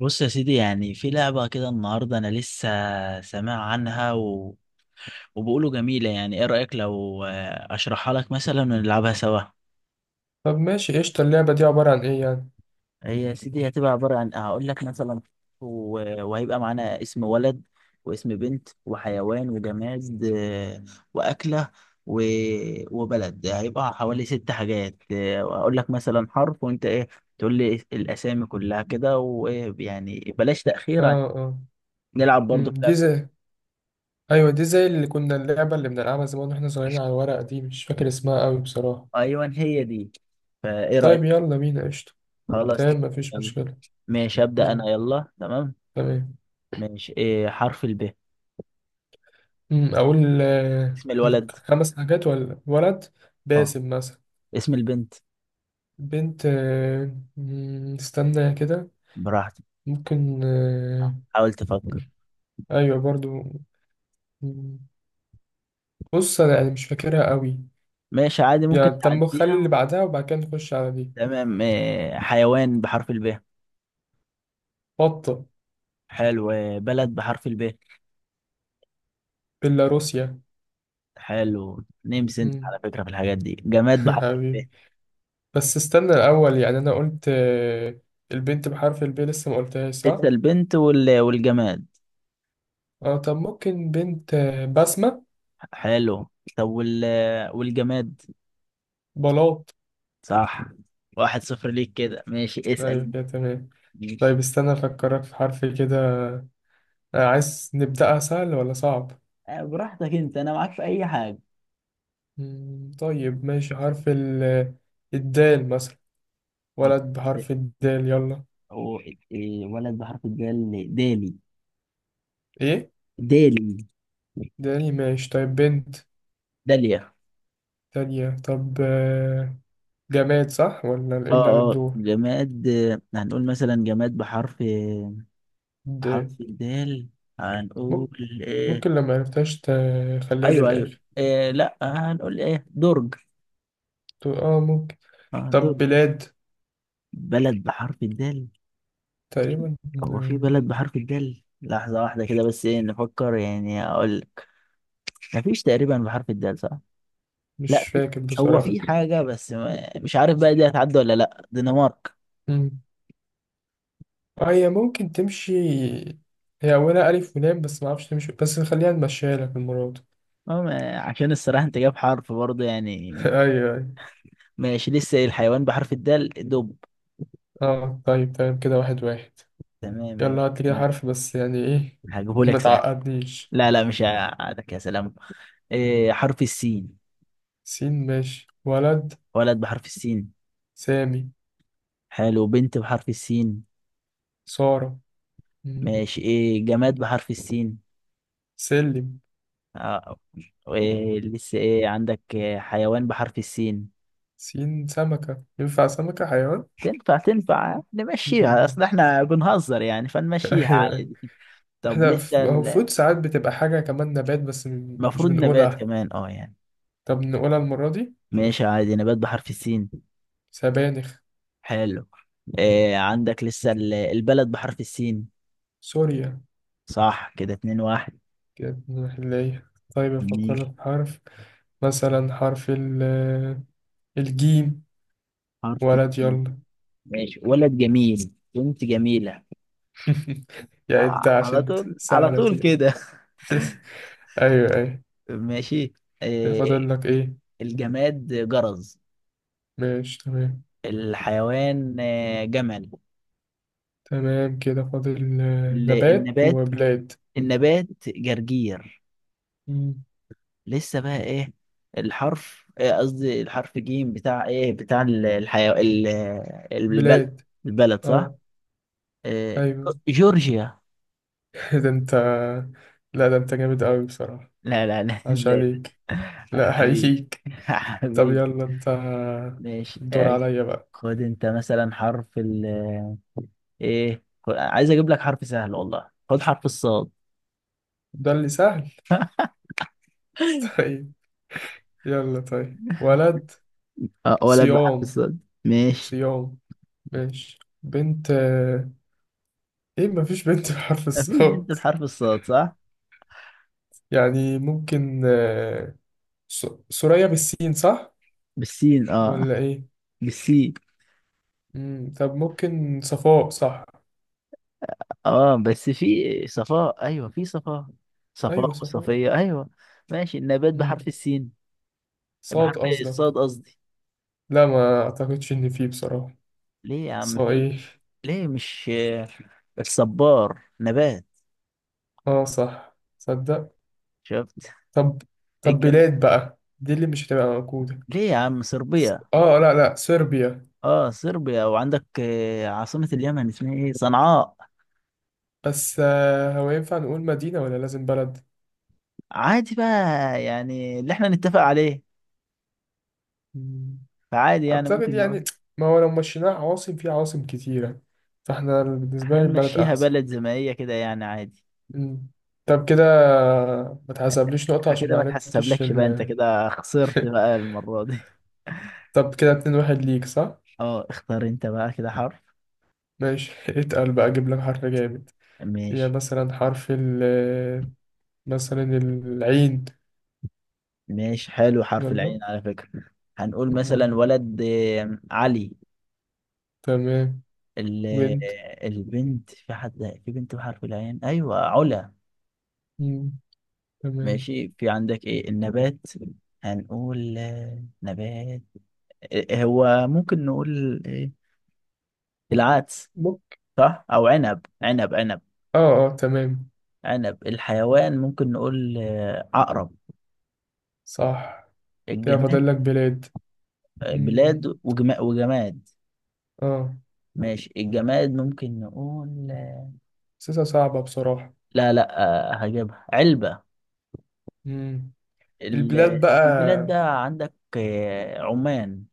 بص يا سيدي، يعني في لعبة كده النهاردة، أنا لسه سامع عنها وبيقولوا جميلة. يعني إيه رأيك لو أشرحها لك مثلا ونلعبها سوا؟ طب ماشي قشطة. اللعبة دي عبارة عن ايه يعني؟ هي يا سيدي هتبقى عبارة عن هقول لك مثلا و... وهيبقى معانا اسم ولد واسم بنت وحيوان وجماد وأكلة و... وبلد. هيبقى حوالي ست حاجات وهقول لك مثلا حرف وأنت إيه تقول لي الأسامي كلها كده، ويعني بلاش تأخير عشان اه اه. نلعب برضه في دي لعبة. زي ايوه، دي زي اللي كنا اللعبة اللي بنلعبها زمان واحنا صغيرين على الورق دي. مش فاكر اسمها قوي بصراحة. أيوه، هي دي. فايه طيب رأيك؟ يلا بينا قشطة. خلاص ماشي. تمام مفيش تمام. مشكلة. ماشي أبدأ أنا، أمم، يلا. تمام، تمام. ماشي. إيه حرف الب؟ اقول اسم الولد. الخمس حاجات ولا ولد؟ اه. باسم مثلا. اسم البنت. بنت آه، أمم، استنى كده. براحتك. ممكن حاول تفكر. ايوه برضو. أمم، بص انا يعني مش فاكرها قوي. ماشي عادي، ممكن يعني طب خلي اللي تعديها. بعدها وبعد كده نخش على دي. تمام. إيه حيوان بحرف الب؟ بطة. حلو. إيه بلد بحرف الب؟ بيلاروسيا. حلو. نمس، انت على مم. فكرة في الحاجات دي. جماد بحرف الب؟ حبيبي. بس استنى الأول، يعني أنا قلت البنت بحرف الب لسه ما قلتهاش لسه صح؟ البنت والجماد. اه طب ممكن بنت بسمة. حلو. طب والجماد؟ بلاط. صح. 1-0 ليك كده. ماشي، أيوة اسأل. كده تمام. طيب ماشي، استنى أفكرك في حرف كده. عايز نبدأها سهل ولا صعب؟ براحتك انت، انا معاك في اي حاجه. طيب ماشي. حرف ال الدال مثلا. حرف ولد بحرف الدال يلا. أو... إيه، ولد بحرف الدال دالي. إيه؟ دالي. داني ماشي. طيب بنت داليا. تانية. طب جماد صح ولا إيه اه اللي على اه، الدور؟ جماد. هنقول مثلا جماد بحرف دال. بحرف الدال، هنقول إيه. ممكن لو ما عرفتهاش تخليها ايوه ايوه، للآخر. إيه، لا هنقول ايه، درج. تقول اه ممكن. اه، طب درج. بلاد. بلد بحرف الدال؟ تقريبا. هو آه، في بلد بحرف الدال؟ لحظة واحدة كده بس، ايه نفكر يعني، اقول لك. مفيش تقريبا بحرف الدال، صح؟ مش لا في، فاكر هو بصراحة. في حاجة بس مش عارف بقى دي هتعدي ولا لا، دنمارك. مم. هي ممكن تمشي. هي أولها ألف ولام بس ما أعرفش تمشي، بس خليها نمشيها لك المرة دي. أما عشان الصراحة انت جايب حرف برضه يعني. أيوه أيوه. ماشي. لسه الحيوان بحرف الدال، دب. اه طيب تمام. كده 1-1. تمام. يلا هات لي كده انا حرف، بس يعني إيه؟ هجيبه ما لك سهل. تعقدنيش. لا لا، مش هقعدك. يا سلام. إيه حرف السين؟ سين ماشي ولد. ولد بحرف السين. سامي. حلو. بنت بحرف السين. سارة. مم. ماشي. ايه جماد بحرف السين؟ سلم. آه. إيه، لسه ايه عندك. إيه حيوان بحرف السين؟ سين سمكة، ينفع سمكة حيوان؟ تنفع تنفع، نمشيها، اصل مم. احنا بنهزر يعني أيوه فنمشيها أيوه. عادي. طب احنا لسه، المفروض ساعات بتبقى حاجة كمان نبات بس مش المفروض نبات بنقولها. كمان، اه يعني. طب نقولها المرة دي. ماشي عادي. نبات بحرف السين. سبانخ. حلو. إيه عندك لسه البلد بحرف السين؟ سوريا. صح. كده 2-1. كده نروح نلاقيها. طيب أفكر ماشي. لك في حرف. مثلا حرف ال الجيم. حرف ولد السين؟ يلا. ماشي. ولد جميل. بنت جميلة. يا انت على عشان طول، على سهلة طول دي. كده. ايوه ايوه. ماشي. كده فاضل إيه لك ايه؟ الجماد؟ جرز. ماشي تمام. الحيوان جمل. تمام كده فاضل ال- نبات النبات وبلاد. النبات جرجير. مم، لسه بقى ايه؟ الحرف إيه، قصدي الحرف جيم بتاع ايه، بتاع البلد بلاد البلد صح. اه إيه، ايوه. جورجيا. ده انت، لا ده انت جامد قوي بصراحة. لا لا لا عاش ازاي بس؟ عليك. لا حبيبي. حقيقيك. طب حبيبي. يلا انت. ماشي. الدور أجي. عليا بقى. خد انت مثلا حرف ال ايه، عايز اجيب لك حرف سهل، والله. خد حرف الصاد. ده اللي سهل؟ طيب. يلا طيب ولد اه، ولد بحرف صيام. الصاد. ماشي. صيام ماشي. بنت ايه، مفيش بنت بحرف في انت الصاد؟ بحرف الصاد صح؟ يعني ممكن سوريا بالسين صح بالسين. اه ولا ايه؟ بالسين. مم. طب ممكن صفاء صح. اه بس في صفاء، ايوه في صفاء، ايوه صفاء صفاء. وصفية. ايوه. ماشي. النبات مم. بحرف السين، صاد بحرف الصاد قصدك؟ قصدي. لا ما اعتقدش ان فيه بصراحة. ليه يا عم، في. ايه؟ ليه مش الصبار نبات؟ اه صح تصدق. شفت. طب طب الجم... بلاد بقى، دي اللي مش هتبقى موجودة. ليه يا عم، صربيا. اه لا لا صربيا. اه صربيا. وعندك عاصمة اليمن اسمها ايه، صنعاء. بس هو ينفع نقول مدينة ولا لازم بلد؟ عادي بقى، يعني اللي احنا نتفق عليه. مم، فعادي يعني، أعتقد ممكن نقول يعني، ما هو لو مشيناها عواصم في عواصم كتيرة، فاحنا بالنسبة احنا لي البلد نمشيها أحسن. بلد زي ما هي كده، يعني عادي. مم. طب كده ما تحسبليش نقطة أنا عشان كده ما ما عرفتش تحسبلكش بقى، انت كده خسرت بقى المرة دي. طب كده 2-1 ليك صح؟ اه، اختار انت بقى كده حرف. ماشي. اتقل بقى، أجيب لك حرف جامد. يا ماشي. مثلا حرف ال مثلا العين. ماشي، حلو، حرف يلا. العين على فكرة. هنقول مم. مثلا ولد علي. تمام. ال- وانت. البنت، في حد في بنت بحرف العين، ايوه، علا. مم. تمام. ماشي. في عندك ايه النبات؟ هنقول نبات. هو ممكن نقول ايه، العدس. بوك. صح، او عنب عنب عنب اه اه تمام. عنب. الحيوان ممكن نقول عقرب. صح كده فاضل الجماد لك بلاد. مم. بلاد وجماد. اه. ماشي، الجماد ممكن نقول. حاسسها صعبة بصراحة. لا لا، هجيبها علبة. مم. البلاد بقى. البلاد ده، عندك عمان.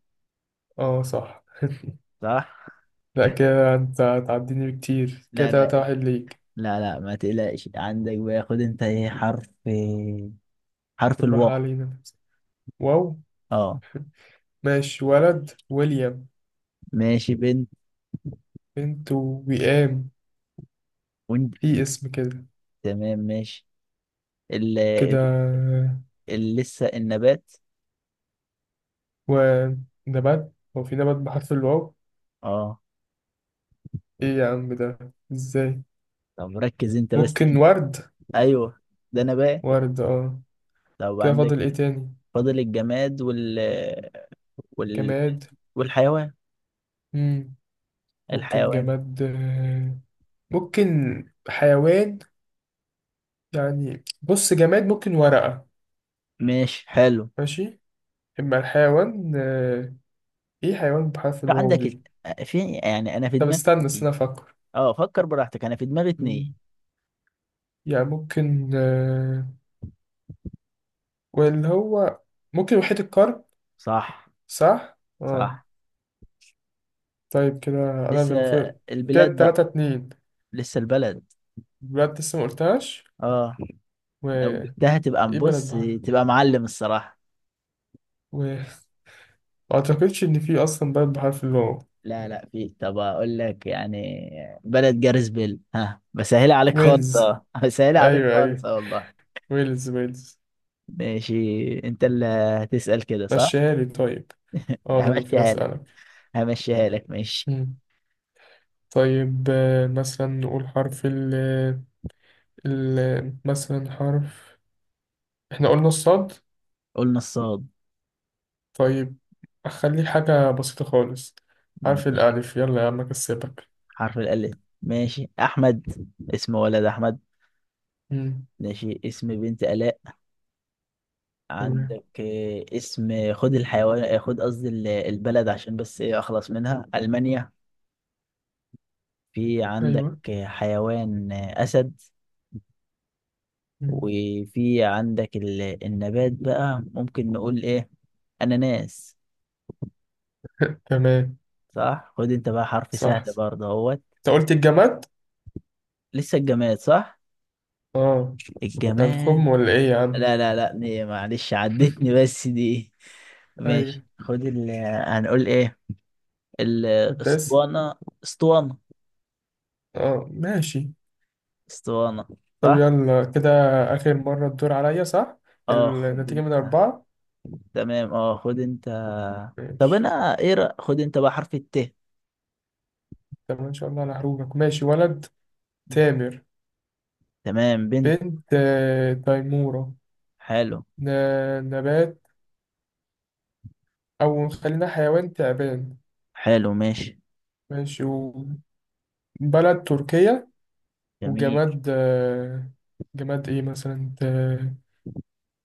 اه صح. صح؟ لا كده انت هتعديني بكتير. كده لا تلاتة لا واحد ليك. لا لا، ما تقلقش. عندك بقى. خد انت ايه حرف حرف الواو. بالراحة علينا. واو اه ماشي ولد ويليام. ماشي. بنت. بنت وئام، وانت. في اسم كده. تمام ماشي. ال... كده ال... لسه النبات؟ ونبات، هو في نبات بحرف الواو؟ اه. ايه يا عم ده؟ ازاي؟ طب ركز انت بس ممكن كده. ورد. ايوه ده نبات. ورد اه. طب كده عندك، فاضل ايه تاني؟ فاضل الجماد وال... جماد. والحيوان مم. ممكن الحيوان جماد ممكن حيوان. يعني بص جماد ممكن ورقة. ماشي. حلو. ماشي. اما الحيوان ايه حيوان بحرف الواو عندك دي؟ في، يعني انا في طب دماغي استنى اتنين. استنى افكر. اه، فكر براحتك، انا في دماغي اتنين. مم. يعني ممكن واللي هو ممكن وحيد القرن. صح صح اه. صح. طيب كده انا لسه اللي المفروض. كده البلاد تلاتة بقى. اتنين لسه البلد. بلاد لسه ما قلتهاش. اه لو وايه؟ جبتها، تبقى بلد بص، بحر تبقى معلم الصراحة. و ما اعتقدش ان في اصلا بلد بحرف الواو. لا لا، في. طب اقول لك يعني، بلد جاريس بيل ها، بسهلها عليك خالص، ويلز. اه بسهلها عليك ايوه خالص، ايوه اه والله. ويلز ويلز. ماشي. انت اللي هتسأل كده صح. مشيها لي طيب. اه انا المفروض همشيها لك، اسالك. همشيها لك. ماشي. مم. طيب مثلا نقول حرف ال مثلا حرف، احنا قلنا الصاد. قلنا الصاد. طيب اخلي حاجة بسيطة خالص. حرف ماشي. الالف يلا يا عم اكسبك. حرف الألف. ماشي أحمد. اسم ولد أحمد. مم. ماشي اسم بنت آلاء. تمام. عندك اسم، خد الحيوان، خد قصدي البلد عشان بس إيه أخلص منها، ألمانيا. في عندك ايوه. حيوان أسد. مم. وفي عندك النبات بقى، ممكن نقول إيه، أناناس. تمام. صح. خد أنت بقى حرف سهل صح برضه اهوت. انت قلت الجماد. لسه الجماد صح. اه. ده هنخم الجماد. ولا ايه يا عم؟ لا لا لا، دي معلش عدتني بس دي. ايوه ماشي. خد ال، هنقول ايه، كنت لسه. الاسطوانة. اسطوانة. اه ماشي. اسطوانة. طب صح. يلا كده آخر مرة الدور عليا صح؟ اه خد النتيجة من انت. 4. تمام اه خد انت. طب ماشي. انا ايه خد انت بقى حرف الت. طب إن شاء الله أنا هروبك. ماشي ولد تامر. تمام بنت. بنت تيمورة. حلو. نبات، أو خلينا حيوان تعبان. حلو. ماشي. ماشي وبلد تركيا. جميل. وجماد جماد إيه مثلا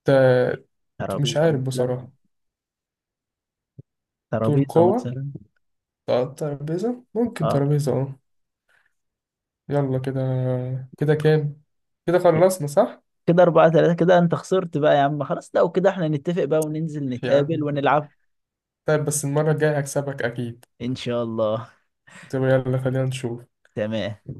ت... مش ترابيزة عارف مثلا. بصراحة. ترابيزة تركوة. مثلا. ت- ترابيزة، ممكن اه ترابيزة اه. يلا كده كام؟ كده خلصنا صح؟ كده 4-3. كده أنت خسرت بقى يا عم. خلاص لو كده احنا نتفق بقى وننزل يا نتقابل عم ونلعب. طيب بس المرة الجاية هكسبك أكيد. إن شاء الله. طب يلا خلينا نشوف. تمام